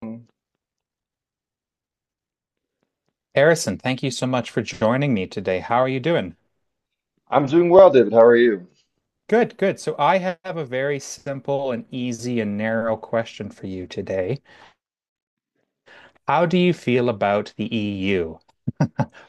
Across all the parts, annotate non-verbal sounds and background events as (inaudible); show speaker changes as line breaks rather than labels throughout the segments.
I'm
Harrison, thank you so much for joining me today. How are you doing?
doing well, David. How are you?
Good, good. So I have a very simple and easy and narrow question for you today. How do you feel about the EU?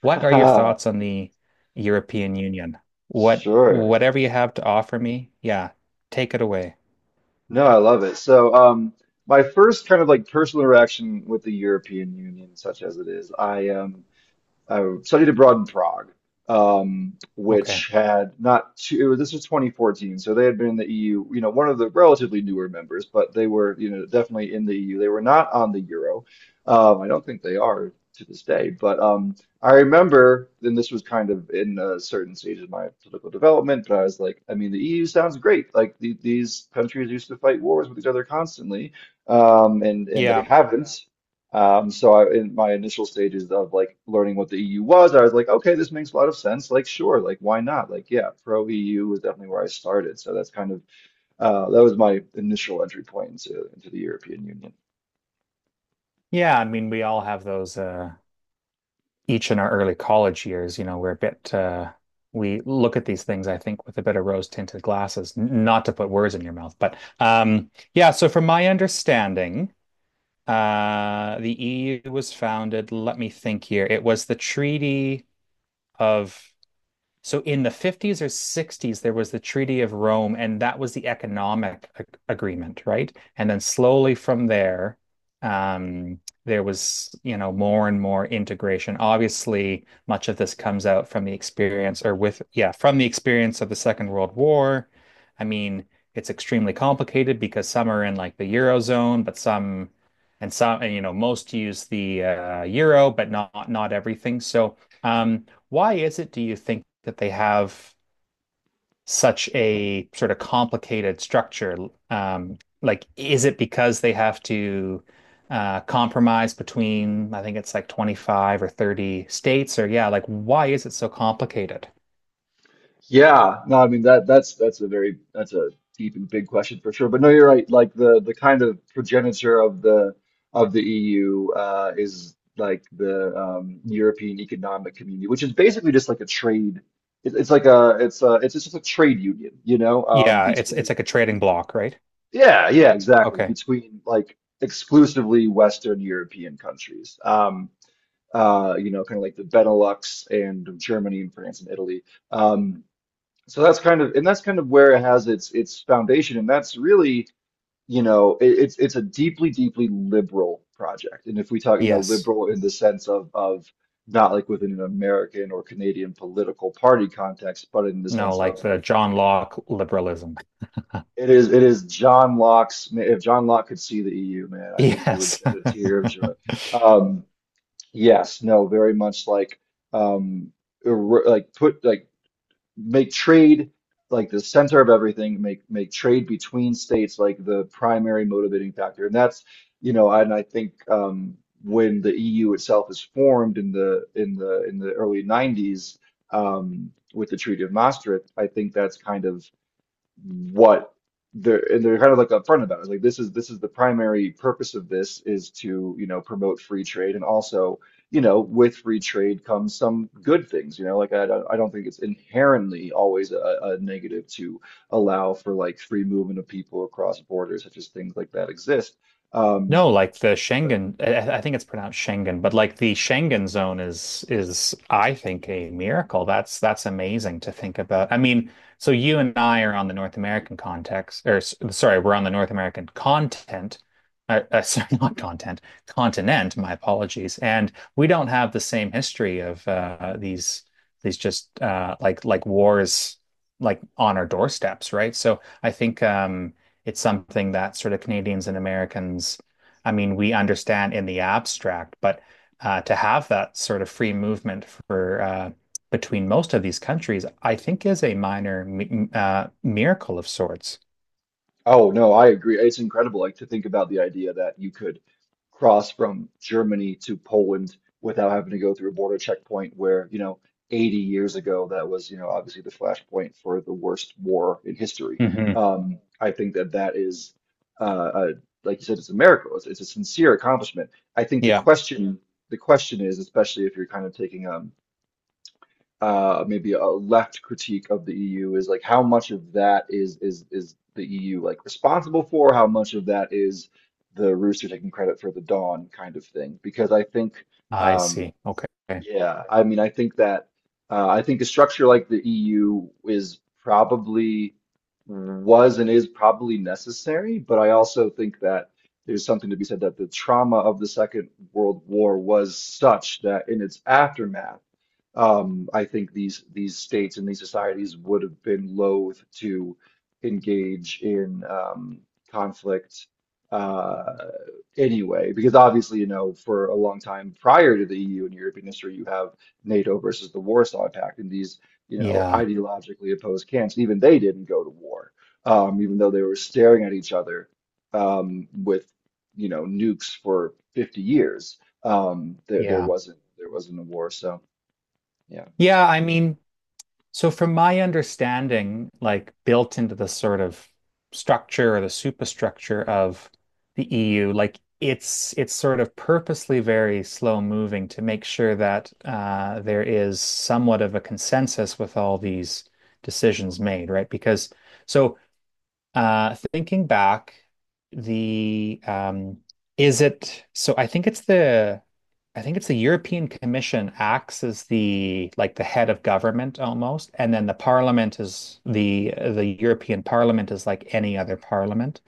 What are your thoughts
(laughs)
on the European Union? What
Sure.
whatever you have to offer me, yeah, take it away.
No, I love it. My first kind of like personal interaction with the European Union, such as it is, I I studied abroad in Prague,
Okay.
which had not too, this was 2014, so they had been in the EU, you know, one of the relatively newer members, but they were, you know, definitely in the EU. They were not on the euro. I don't think they are to this day, but I remember, and this was kind of in a certain stage of my political development, but I was like, I mean, the EU sounds great. Like the, these countries used to fight wars with each other constantly, and they
Yeah.
haven't. So I, in my initial stages of like learning what the EU was, I was like, okay, this makes a lot of sense. Like, sure, like why not? Like, yeah, pro EU was definitely where I started. So that's kind of that was my initial entry point into the European Union.
Yeah, I mean we all have those each in our early college years, you know, we're a bit we look at these things, I think, with a bit of rose-tinted glasses. Not to put words in your mouth, but yeah. So from my understanding, the EU was founded. Let me think here. It was the Treaty of. In the 50s or 60s, there was the Treaty of Rome, and that was the economic agreement, right? And then slowly from there, um, there was, you know, more and more integration. Obviously, much of this comes out from the experience or with, yeah, from the experience of the Second World War. I mean, it's extremely complicated because some are in like the Eurozone, but some, and, you know, most use the euro, but not everything. So, um, why is it, do you think, that they have such a sort of complicated structure? Like, is it because they have to compromise between, I think it's like 25 or 30 states, or yeah, like, why is it so complicated?
Yeah, no, I mean that's a very that's a deep and big question for sure. But no, you're right. Like the kind of progenitor of the EU is like the European Economic Community, which is basically just like a trade. It's like a it's just a trade union, you know,
Yeah, it's
between
like a trading block, right?
yeah exactly
Okay.
between like exclusively Western European countries. You know, kind of like the Benelux and Germany and France and Italy. Um, so that's kind of, and that's kind of where it has its foundation, and that's really, you know, it's a deeply, deeply liberal project. And if we talk, you know,
Yes.
liberal in the sense of not like within an American or Canadian political party context, but in the
No,
sense
like
of
the
like
John Locke liberalism. (laughs)
it is John Locke's. If John Locke could see the EU, man, I think he would
Yes.
shed a tear of joy.
(laughs)
Um, yes, no, very much um, like put like make trade like the center of everything, make trade between states like the primary motivating factor. And that's, you know, and I think when the EU itself is formed in the in the early 90s with the Treaty of Maastricht, I think that's kind of what they're kind of like upfront about it. Like this is the primary purpose of this is to, you know, promote free trade and also, you know, with free trade comes some good things, you know, like I don't think it's inherently always a negative to allow for like free movement of people across borders, such as things like that exist. Um,
No, like the
but
Schengen, I think it's pronounced Schengen, but like the Schengen zone is I think a miracle. That's amazing to think about. I mean, so you and I are on the North American context, or sorry, we're on the North American content, (laughs) sorry, not content, continent. My apologies, and we don't have the same history of these just like wars like on our doorsteps, right? So I think it's something that sort of Canadians and Americans I mean, we understand in the abstract, but to have that sort of free movement for between most of these countries, I think is a minor mi miracle of sorts.
oh no, I agree. It's incredible, like to think about the idea that you could cross from Germany to Poland without having to go through a border checkpoint where, you know, 80 years ago that was, you know, obviously the flashpoint for the worst war in history.
Hmm.
I think that that is, uh, uh, like you said, it's a miracle. It's a sincere accomplishment. I think
Yeah.
the question is, especially if you're kind of taking maybe a left critique of the EU is like how much of that is the EU like responsible for? How much of that is the rooster taking credit for the dawn kind of thing? Because I think,
I
um,
see. Okay.
yeah, I mean, I think that I think a structure like the EU is probably was and is probably necessary, but I also think that there's something to be said that the trauma of the Second World War was such that in its aftermath I think these states and these societies would have been loath to engage in conflict uh, anyway, because obviously, you know, for a long time prior to the EU and European history, you have NATO versus the Warsaw Pact, and these, you know,
Yeah.
ideologically opposed camps, even they didn't go to war, even though they were staring at each other with, you know, nukes for 50 years. There,
Yeah.
there wasn't a war, so. Yeah.
Yeah. I mean, so from my understanding, like built into the sort of structure or the superstructure of the EU, like it's sort of purposely very slow moving to make sure that there is somewhat of a consensus with all these decisions made, right? Because so thinking back, the is it so? I think it's the European Commission acts as the like the head of government almost, and then the Parliament is the European Parliament is like any other parliament.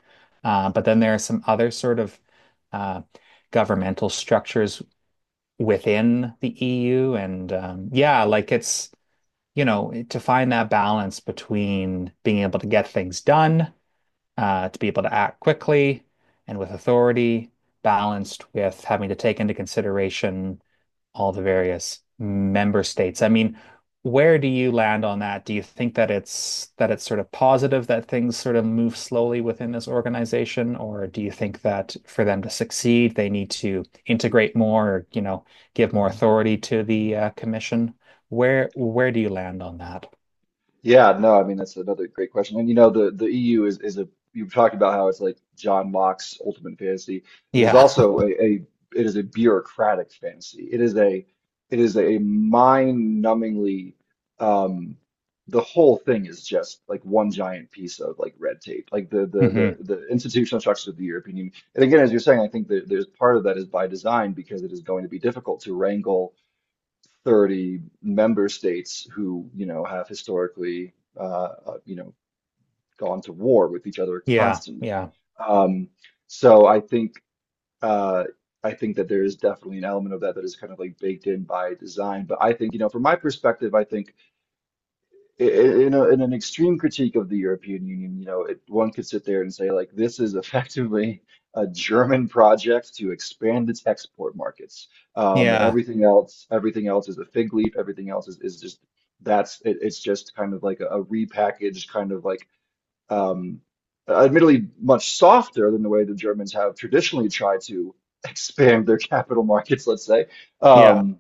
But then there are some other sort of uh, governmental structures within the EU, and yeah, like it's you know to find that balance between being able to get things done, to be able to act quickly and with authority, balanced with having to take into consideration all the various member states. I mean, where do you land on that? Do you think that it's sort of positive that things sort of move slowly within this organization, or do you think that for them to succeed, they need to integrate more, or, you know, give more authority to the commission? Where do you land on that?
Yeah, no, I mean that's another great question. And you know, the EU is a you've talked about how it's like John Locke's ultimate fantasy. It is
Yeah.
also a it is a bureaucratic fantasy. It is a mind-numbingly um the whole thing is just like one giant piece of like red tape. Like the
(laughs)
the
Hmm.
the the institutional structure of the European Union. And again, as you're saying, I think that there's part of that is by design because it is going to be difficult to wrangle 30-member states who, you know, have historically, you know, gone to war with each other
Yeah.
constantly.
Yeah.
Um, so uh, I think that there is definitely an element of that that is kind of like baked in by design. But I think, you know, from my perspective, I think in in an extreme critique of the European Union, you know, one could sit there and say, like, this is (laughs) effectively a German project to expand its export markets, and
Yeah.
everything else is a fig leaf. Everything else is just that's it, it's just kind of like a repackaged kind of like, um, admittedly much softer than the way the Germans have traditionally tried to (laughs) expand their capital markets, let's say.
Yeah.
Um,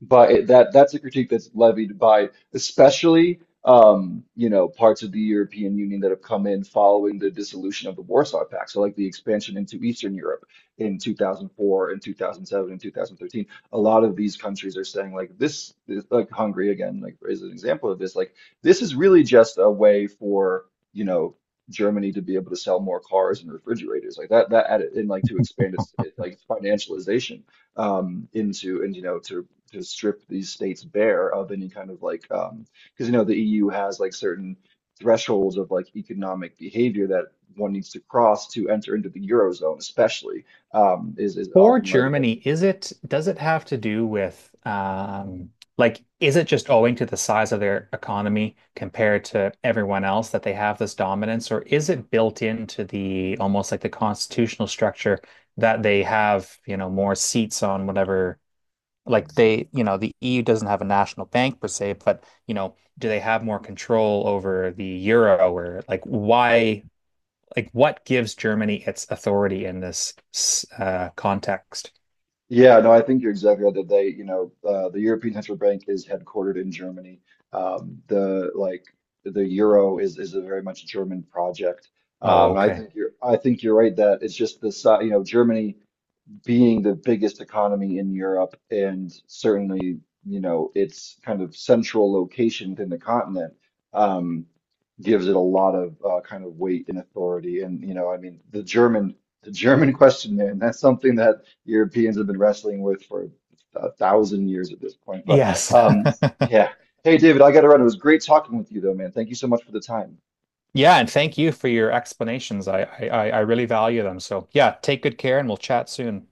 that that's a critique that's levied by especially you know parts of the European Union that have come in following the dissolution of the Warsaw Pact. So like the expansion into Eastern Europe in 2004 and 2007 and 2013. A lot of these countries are saying like like Hungary again, like is an example of this. Like this is really just a way for you know. Germany to be able to sell more cars and refrigerators like that added and like to expand like financialization into and you know to strip these states bare of any kind of like because you know the EU has like certain thresholds of like economic behavior that one needs to cross to enter into the Eurozone, especially is
For
often levied at.
Germany, is it does it have to do with like is it just owing to the size of their economy compared to everyone else that they have this dominance, or is it built into the almost like the constitutional structure that they have, you know, more seats on whatever like they, you know, the EU doesn't have a national bank per se, but you know, do they have more control over the euro or like why like what gives Germany its authority in this context?
Yeah, no, I think you're exactly right that they, you know, the European Central Bank is headquartered in Germany. Um, the like the euro is a very much German project.
Oh, okay.
I think you're right that it's just the you know Germany. Being the biggest economy in Europe and certainly, you know, its kind of central location within the continent um, gives it a lot of kind of weight and authority. And, you know, I mean, the German (laughs) question, man, that's something that Europeans have been wrestling with for 1,000 years at this point. But
Yes.
um,
(laughs)
yeah. Hey, David, I got to run. It was great talking with you, though, man. Thank you so much for the time.
Yeah, and thank you for your explanations. I really value them. So yeah, take good care and we'll chat soon.